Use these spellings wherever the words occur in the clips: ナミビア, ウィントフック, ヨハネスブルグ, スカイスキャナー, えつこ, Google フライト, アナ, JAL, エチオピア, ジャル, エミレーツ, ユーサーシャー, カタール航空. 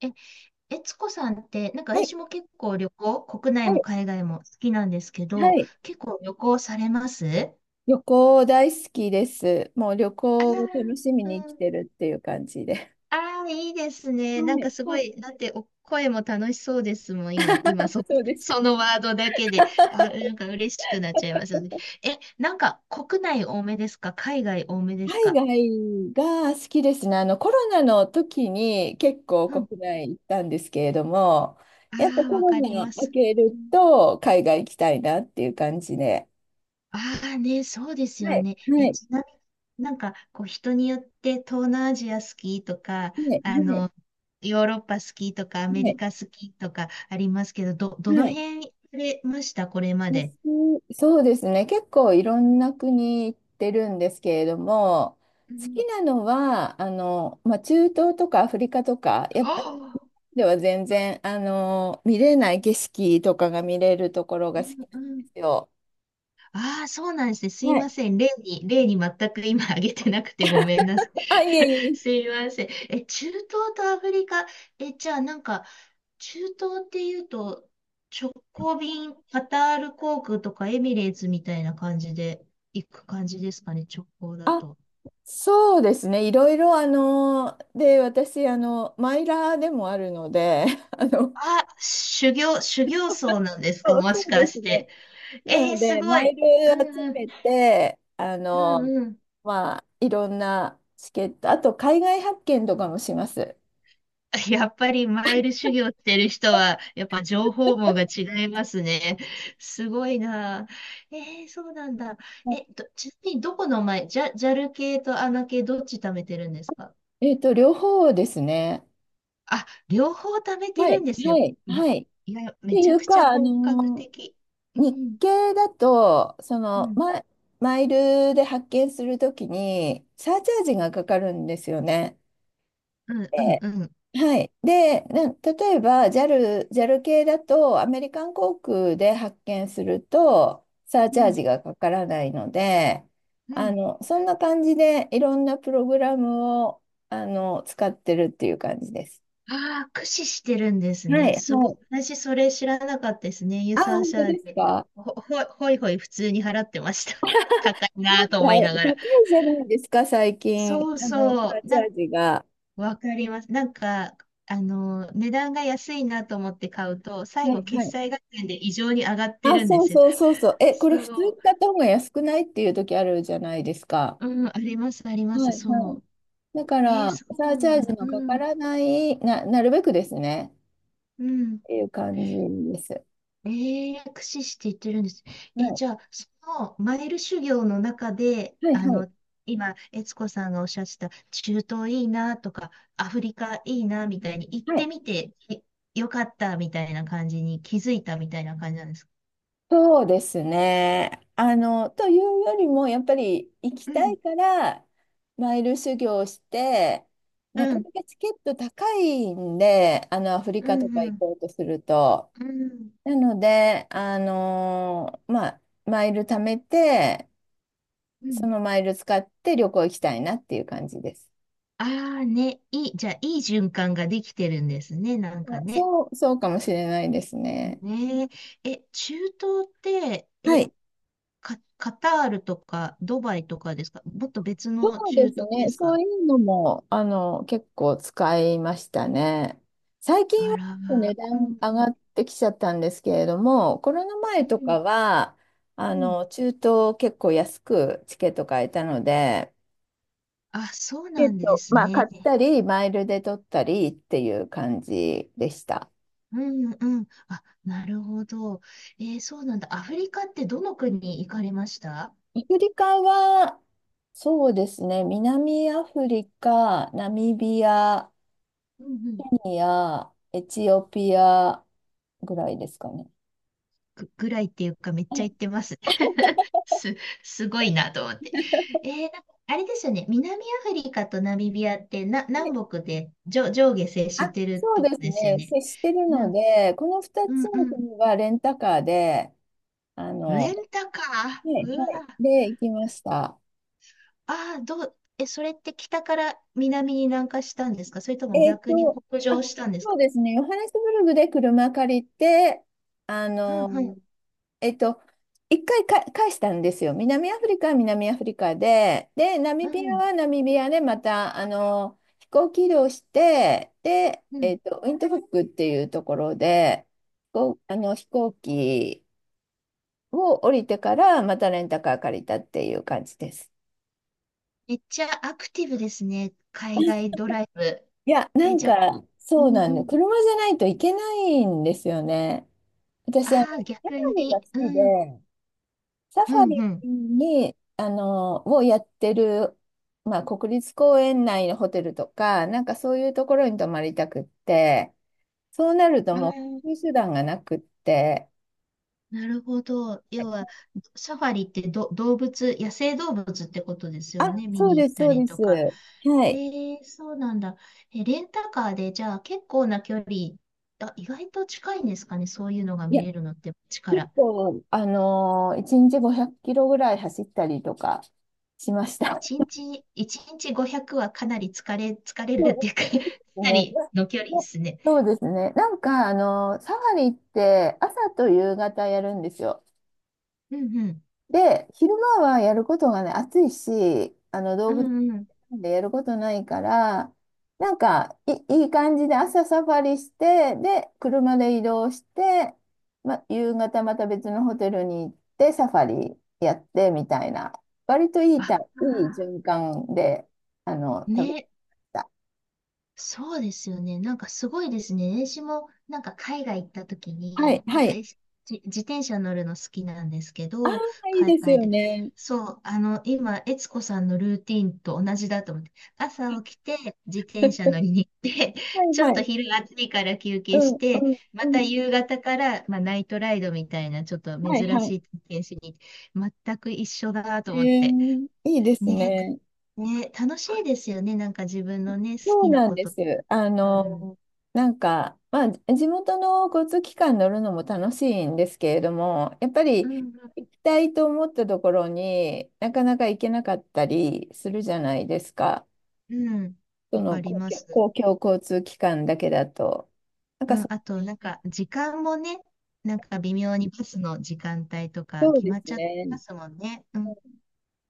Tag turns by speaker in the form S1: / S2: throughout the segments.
S1: え、えつこさんって、なんか
S2: は
S1: 私
S2: い、
S1: も結構旅行、国内
S2: は
S1: も
S2: い、
S1: 海外も好きなんですけ
S2: は
S1: ど、
S2: い。
S1: 結構旅行されます？
S2: 旅行大好きです。もう旅
S1: あ
S2: 行を楽しみ
S1: あ
S2: に
S1: ー、
S2: 生
S1: う
S2: き
S1: ん。
S2: てるっていう感じで。
S1: ああ、いいです
S2: は
S1: ね。なんか
S2: い、
S1: すご
S2: はい。
S1: い、だってお声も楽しそうですもん、今、
S2: そう ですか。
S1: そのワードだけで、なんか嬉しくなっちゃいますよね。なんか国内多めですか？海外多めです
S2: 海
S1: か？
S2: 外が好きですね。コロナの時に結構
S1: うん。
S2: 国内行ったんですけれども、やっぱ
S1: ああ、
S2: コ
S1: わ
S2: ロ
S1: かり
S2: ナ
S1: ま
S2: 明
S1: す。
S2: けると海外行きたいなっていう感じで。
S1: ああね、そうです
S2: は
S1: よ
S2: い、
S1: ね。
S2: はい、
S1: ちなみになんか、こう、人によって東南アジア好きとか、
S2: はい、
S1: あ
S2: はい、
S1: の、ヨーロッパ好きとか、アメ
S2: は
S1: リ
S2: い。
S1: カ好きとかありますけど、ど
S2: は
S1: の
S2: い。
S1: 辺行かれましたこれまで？
S2: 私、そうですね。結構いろんな国行ってるんですけれども、
S1: う
S2: 好
S1: ん。
S2: きなのは、まあ、中東とかアフリカとか、やっぱり
S1: ああ、
S2: では全然、見れない景色とかが見れるところ
S1: う
S2: が好きな
S1: ん
S2: ん
S1: う
S2: で
S1: ん。
S2: すよ。
S1: ああ、そうなんですね。すい
S2: は
S1: ま
S2: い。
S1: せん。例に全く今挙げてなくてごめんなさい。
S2: あ、いえ いえい
S1: す
S2: え。
S1: いません。中東とアフリカ、え、じゃあなんか、中東っていうと、直行便、カタール航空とかエミレーツみたいな感じで行く感じですかね、直行だ
S2: あ、
S1: と。
S2: そうですね。いろいろ、で、私、マイラーでもあるので、あの、
S1: あ、修行僧なんです
S2: そ
S1: か、
S2: う、
S1: も
S2: そ
S1: し
S2: うで
S1: か
S2: す
S1: し
S2: ね。
S1: て？
S2: な
S1: えー
S2: の
S1: す
S2: で、
S1: ご
S2: マイ
S1: い。
S2: ル
S1: う
S2: 集
S1: んうん、
S2: めて、
S1: うんうん。
S2: まあ、いろんなチケット、あと海外発見とかもします。
S1: やっぱりマイル修行してる人は、やっぱ情報網が違いますね。すごいな。えー、そうなんだ。ちなみにどこのマイ、ジャ、ジャル系とアナ系どっち貯めてるんですか？
S2: 両方ですね。
S1: あ、両方貯めて
S2: は
S1: るん
S2: い、
S1: です
S2: は
S1: ね。
S2: い、
S1: ま、
S2: はい。っ
S1: いや、め
S2: て
S1: ち
S2: い
S1: ゃ
S2: う
S1: くちゃ
S2: か、
S1: 本格的。う
S2: 日
S1: ん、
S2: 系だと、
S1: うん、
S2: マイルで発見するときに、サーチャージがかかるんですよね。
S1: うん、うん、
S2: で、
S1: うん、
S2: はい。で、例えば JAL、ジャル系だとアメリカン航空で発券するとサー
S1: う
S2: チャー
S1: ん、
S2: ジがかからないので、
S1: うん。
S2: そんな感じでいろんなプログラムを使ってるっていう感じです。
S1: ああ、駆使してるんです
S2: は
S1: ね。
S2: い、
S1: す
S2: は
S1: ごい。
S2: い。
S1: 私、それ知らなかったですね。ユー
S2: あ、
S1: サー
S2: 本
S1: シ
S2: 当
S1: ャ
S2: で
S1: ー
S2: す
S1: で。
S2: か。
S1: ほいほい普通に払ってました。高い
S2: な
S1: な
S2: ん
S1: ぁ
S2: か
S1: と思いなが
S2: 高
S1: ら。
S2: いじゃないですか、最近。
S1: そうそ
S2: サ
S1: う。
S2: ーチャージが。
S1: わかります。なんか、値段が安いなと思って買うと、最
S2: は
S1: 後、
S2: い、は
S1: 決
S2: い。
S1: 済合戦で異常に上がって
S2: あ、
S1: るんで
S2: そう
S1: すよ。
S2: そうそうそう。これ
S1: そ
S2: 普通に
S1: う。
S2: 買った方が安くないっていう時あるじゃないですか。
S1: うん、あります、ありま
S2: は
S1: す。
S2: い
S1: そ
S2: はい。
S1: う。
S2: だか
S1: えー、
S2: ら、
S1: そう
S2: サー
S1: な
S2: チ
S1: ん
S2: ャージ
S1: だ。
S2: のか
S1: う
S2: か
S1: ん、
S2: らない、なるべくですね、
S1: うん。
S2: っていう感じです。
S1: ええ駆使していってるんです。
S2: はい、
S1: じゃあ、そのマイル修行の中で、
S2: はい、はい、
S1: 今、悦子さんがおっしゃってた、中東いいなとか、アフリカいいなみたいに行っ
S2: はい。
S1: てみて、えよかったみたいな感じに気づいたみたいな感じなんですか？
S2: そうですね。というよりも、やっぱり行き
S1: う
S2: た
S1: ん、
S2: いから、マイル修行して、な
S1: う
S2: か
S1: ん、
S2: なかチケット高いんで、アフリ
S1: う
S2: カとか
S1: ん、う
S2: 行
S1: ん、
S2: こうとすると。
S1: うん、
S2: なので、まあ、マイル貯めて、
S1: う
S2: そ
S1: ん。
S2: のマイル使って旅行行きたいなっていう感じです。
S1: ああね、いい、じゃあ、いい循環ができてるんですね、なんか
S2: あ、
S1: ね。
S2: そうかもしれないですね。
S1: ねえ、中東って、
S2: はい。
S1: カタールとかドバイとかですか？もっと別
S2: そ
S1: の
S2: うで
S1: 中
S2: す
S1: 東で
S2: ね。
S1: す
S2: そ
S1: か？
S2: ういうのも、結構使いましたね。最近
S1: あ
S2: はちょっ
S1: ら
S2: と
S1: ま
S2: 値
S1: あ、う
S2: 段
S1: んう
S2: 上が
S1: ん、
S2: ってきちゃったんですけれども、コロナ
S1: う
S2: 前と
S1: ん
S2: かは、
S1: うん。
S2: 中東結構安くチケット買えたので、
S1: あ、そう
S2: チケッ
S1: なんで
S2: ト、
S1: す
S2: まあ、買
S1: ね。
S2: ったり、マイルで取ったりっていう感じでした。
S1: うんうん。あ、なるほど。えーそうなんだ。アフリカってどの国に行かれました？
S2: アフリカは、そうですね、南アフリカ、ナミビア、
S1: うんうん。
S2: エチオピアぐらいですかね。
S1: ぐらいっていうかめっ
S2: う
S1: ちゃ
S2: ん。
S1: 行ってます。す、すごいなと思って。えー、なんかあれですよね。南アフリカとナミビアって
S2: で、
S1: 南北で上下接
S2: あ、
S1: してる
S2: そう
S1: とこ
S2: です
S1: ですよ
S2: ね。
S1: ね。
S2: 接してるので、この2
S1: う
S2: つ
S1: んう
S2: の
S1: ん。
S2: 国はレンタカーで、
S1: レ
S2: は
S1: ンタカ
S2: い、は
S1: ー。う
S2: い、
S1: わ。
S2: で、行きました。
S1: ああ、どう、え、それって北から南に南下したんですか？それとも
S2: えっ
S1: 逆に
S2: と、
S1: 北
S2: あ、
S1: 上したんです
S2: そ
S1: か？
S2: うですね。ヨハネスブルグで車借りて、あ
S1: うんは
S2: の、
S1: い。
S2: えっと、一回か返したんですよ。南アフリカは南アフリカで、で、ナ
S1: う
S2: ミビア
S1: ん。
S2: はナミビアで、また、飛行機移動して、で、
S1: うん。
S2: ウィントフックっていうところで、こう、飛行機を降りてから、またレンタカー借りたっていう感じです。
S1: めっちゃアクティブですね。海外ドライブ。
S2: いや、な
S1: え、
S2: ん
S1: じゃあ、
S2: か、
S1: う
S2: そう
S1: ん
S2: な
S1: う
S2: んで、
S1: ん。
S2: 車じゃないといけないんですよね。私、
S1: ああ、
S2: ギャラ
S1: 逆
S2: リーが
S1: に。
S2: 好
S1: う
S2: き
S1: ん。
S2: で、サフ
S1: う
S2: ァ
S1: ん
S2: リ
S1: うん。
S2: に、をやってる、まあ、国立公園内のホテルとか、なんかそういうところに泊まりたくって、そうなると
S1: あ
S2: もう、こ
S1: ー
S2: ういう手段がなくって、
S1: なるほど。要は、サファリってど、動物、野生動物ってことです
S2: あ、
S1: よね。見
S2: そう
S1: に行
S2: で
S1: っ
S2: す、
S1: た
S2: そう
S1: り
S2: で
S1: と
S2: す。
S1: か。
S2: はい。
S1: ええそうなんだ。レンタカーで、じゃあ結構な距離、あ、意外と近いんですかね、そういうのが
S2: い
S1: 見
S2: や、
S1: れるのって、
S2: 結
S1: 力。
S2: 構、1日500キロぐらい走ったりとかしました。
S1: 1日、一日500はかなり疲れ、疲れるっていうか か
S2: そう
S1: な
S2: ですね。
S1: りの距離で
S2: ま
S1: すね。
S2: そうですね。なんか、サファリって朝と夕方やるんですよ。
S1: うんうん。
S2: で、昼間はやることがね、暑いし、動
S1: う
S2: 物
S1: んうん。
S2: 園でやることないから、なんかいい感じで朝サファリして、で、車で移動して、ま、夕方また別のホテルに行ってサファリやってみたいな、割とい
S1: あ
S2: いたいい
S1: あ、
S2: 循環で、食べて
S1: ね、
S2: た。
S1: そうですよね。なんかすごいですね。私もなんか海外行った時
S2: はい、
S1: に、なん
S2: は
S1: か
S2: い。
S1: えしじ自転車乗るの好きなんですけ
S2: あ
S1: ど、
S2: あ、いい
S1: 海
S2: です
S1: 外
S2: よ
S1: で。
S2: ね。
S1: そう、今、悦子さんのルーティンと同じだと思って、朝起きて自転車乗 りに行って、
S2: は い、
S1: ちょ
S2: は
S1: っと
S2: い。
S1: 昼暑いから休
S2: う
S1: 憩し
S2: ん、
S1: て、
S2: うん、
S1: ま
S2: う
S1: た
S2: ん。
S1: 夕方から、まあ、ナイトライドみたいなちょっと
S2: はい、
S1: 珍
S2: は
S1: し
S2: い。
S1: い体験しに行って、全く一緒だと
S2: え
S1: 思って。
S2: ー、いいです
S1: ね、
S2: ね。
S1: ね、楽しいですよね。なんか自分のね、好
S2: そう
S1: きな
S2: なん
S1: こ
S2: で
S1: と。
S2: す。
S1: ある。
S2: なんか、まあ、地元の交通機関乗るのも楽しいんですけれども、やっぱ
S1: う
S2: り
S1: ん、
S2: 行きたいと思ったところになかなか行けなかったりするじゃないですか。
S1: うん。
S2: そ
S1: わ
S2: の
S1: かります。
S2: 公共交通機関だけだと。なん
S1: う
S2: か
S1: ん、あと、なんか、時間もね、なんか微妙にバスの時間帯とか
S2: そう
S1: 決
S2: で
S1: まっ
S2: す
S1: ちゃって
S2: ね。
S1: ますもんね。うん。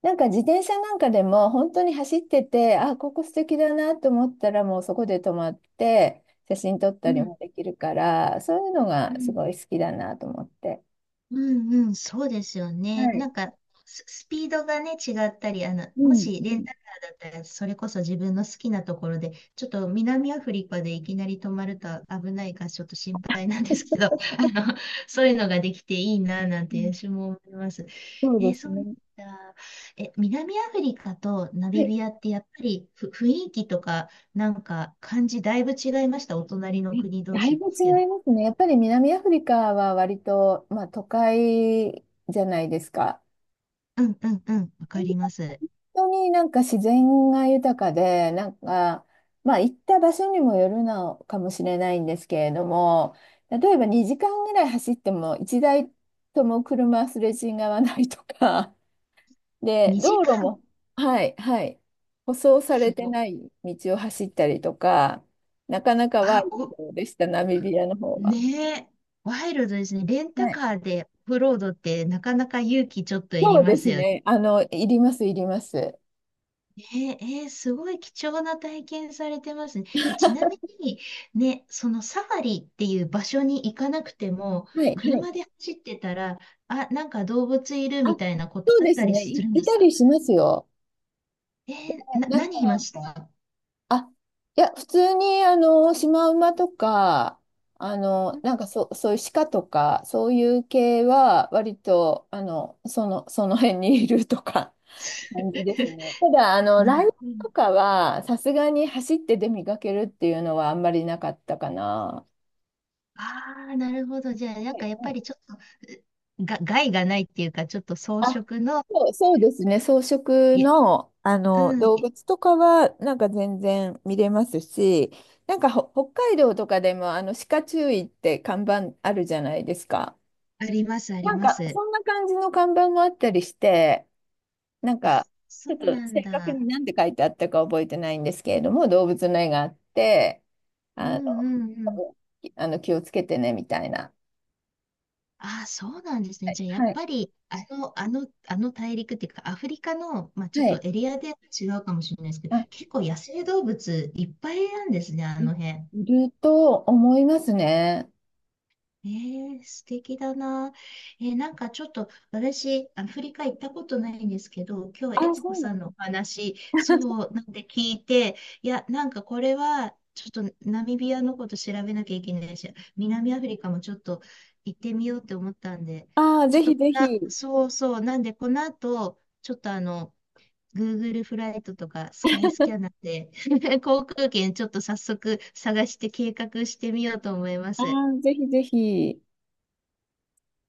S2: なんか自転車なんかでも本当に走ってて、あ、ここ素敵だなと思ったらもうそこで止まって写真撮っ
S1: う
S2: たり
S1: ん、
S2: もできるから、そういうの
S1: う
S2: がす
S1: ん。
S2: ごい好きだなと思って。
S1: うんうん、そうですよね。
S2: は
S1: な
S2: い。
S1: んか、スピードがね、違ったり、
S2: う
S1: も
S2: ん、
S1: し
S2: う
S1: レン
S2: ん、
S1: タカーだったら、それこそ自分の好きなところで、ちょっと南アフリカでいきなり止まると危ないから、ちょっと心配なんですけど、そういうのができていいな、なん
S2: うん。
S1: て私も思います。
S2: そう
S1: え、
S2: です
S1: そうなん
S2: ね。
S1: だ。南アフリカとナ
S2: は
S1: ミ
S2: い。
S1: ビアって、やっぱり雰囲気とか、なんか、感じ、だいぶ違いました？お隣の
S2: え
S1: 国同
S2: だい
S1: 士で
S2: ぶ
S1: すけ
S2: 違
S1: ど。
S2: いますね。やっぱり南アフリカは割と、まあ、都会じゃないですか。
S1: うんうんうん、わか
S2: 本
S1: ります。
S2: 当になんか自然が豊かで、なんか、まあ行った場所にもよるのかもしれないんですけれども、例えば2時間ぐらい走っても1台とも車すれ違わないとか、で、
S1: 2
S2: 道路
S1: 時間
S2: も、はい、はい、舗装さ
S1: す
S2: れて
S1: ご。
S2: ない道を走ったりとか、なかなかワイ
S1: あ、
S2: ル
S1: お、
S2: ドでした、ナミビアの方は。
S1: ねえ。ワイルドですね。レンタ
S2: はい。
S1: カーでオフロードってなかなか勇気ちょっとい
S2: そ
S1: り
S2: う
S1: ま
S2: で
S1: す
S2: す
S1: よね。
S2: ね。いります、いります。
S1: ねえ、えーすごい貴重な体験されてますね。ちなみに、ね、そのサファリっていう場所に行かなくても、
S2: はい、はい。
S1: 車で走ってたら、あ、なんか動物いる
S2: あ、
S1: みたいなこと
S2: そう
S1: あっ
S2: で
S1: た
S2: す
S1: り
S2: ね。
S1: するん
S2: い
S1: です
S2: た
S1: か？
S2: りしますよ。
S1: えーな、
S2: なん
S1: 何いま
S2: か、
S1: した？
S2: あ、いや、普通に、シマウマとか、
S1: うん。
S2: なんかそういう鹿とか、そういう系は、割と、その辺にいるとか。感じですね。ただ、
S1: な
S2: ライブ
S1: い。
S2: とかは、さすがに走って出見かけるっていうのはあんまりなかったかな。
S1: ああ、なるほど。じゃあ、なん
S2: は
S1: か
S2: い
S1: やっ
S2: は
S1: ぱ
S2: い。
S1: りちょっと、害がないっていうか、ちょっと装
S2: あ、
S1: 飾の、
S2: そうですね。草食
S1: い、
S2: の、
S1: うん、
S2: 動
S1: い
S2: 物とかはなんか全然見れますし、なんか北海道とかでも鹿注意って看板あるじゃないですか。
S1: あります、あ
S2: な
S1: り
S2: ん
S1: ま
S2: か
S1: す。
S2: そんな感じの看板もあったりして、なんか、
S1: そ
S2: ちょっ
S1: う
S2: と
S1: なん
S2: 正確に
S1: だ。
S2: 何て書いてあったか覚えてないんですけれども、動物の絵があって、
S1: う
S2: あ
S1: ん
S2: の、
S1: うんうん。
S2: 気をつけてね、みたいな。
S1: ああ、そうなんです
S2: は
S1: ね。
S2: い。
S1: じゃあ、やっ
S2: はい。
S1: ぱり、あの大陸っていうか、アフリカの、まあ、ち
S2: は
S1: ょっと
S2: い。
S1: エリアで違うかもしれないですけど、
S2: あ、
S1: 結構野生動物いっぱいなんですね、あ
S2: い
S1: の辺。
S2: いると思いますね。
S1: えー、素敵だな。えーなんかちょっと私、アフリカ行ったことないんですけど、今
S2: あ、
S1: 日、悦子
S2: そうな
S1: さ
S2: の。
S1: んのお話、そうなんで聞いて、いや、なんかこれは、ちょっとナミビアのこと調べなきゃいけないし、南アフリカもちょっと行ってみようって思ったんで、
S2: ああ、
S1: ちょ
S2: ぜ
S1: っ
S2: ひ
S1: と
S2: ぜ
S1: な、
S2: ひ。
S1: そうそう、なんでこの後、ちょっとGoogle フライトとかスカイスキャナーで 航空券ちょっと早速探して計画してみようと思いま
S2: あ
S1: す。
S2: あ、ぜひぜひ。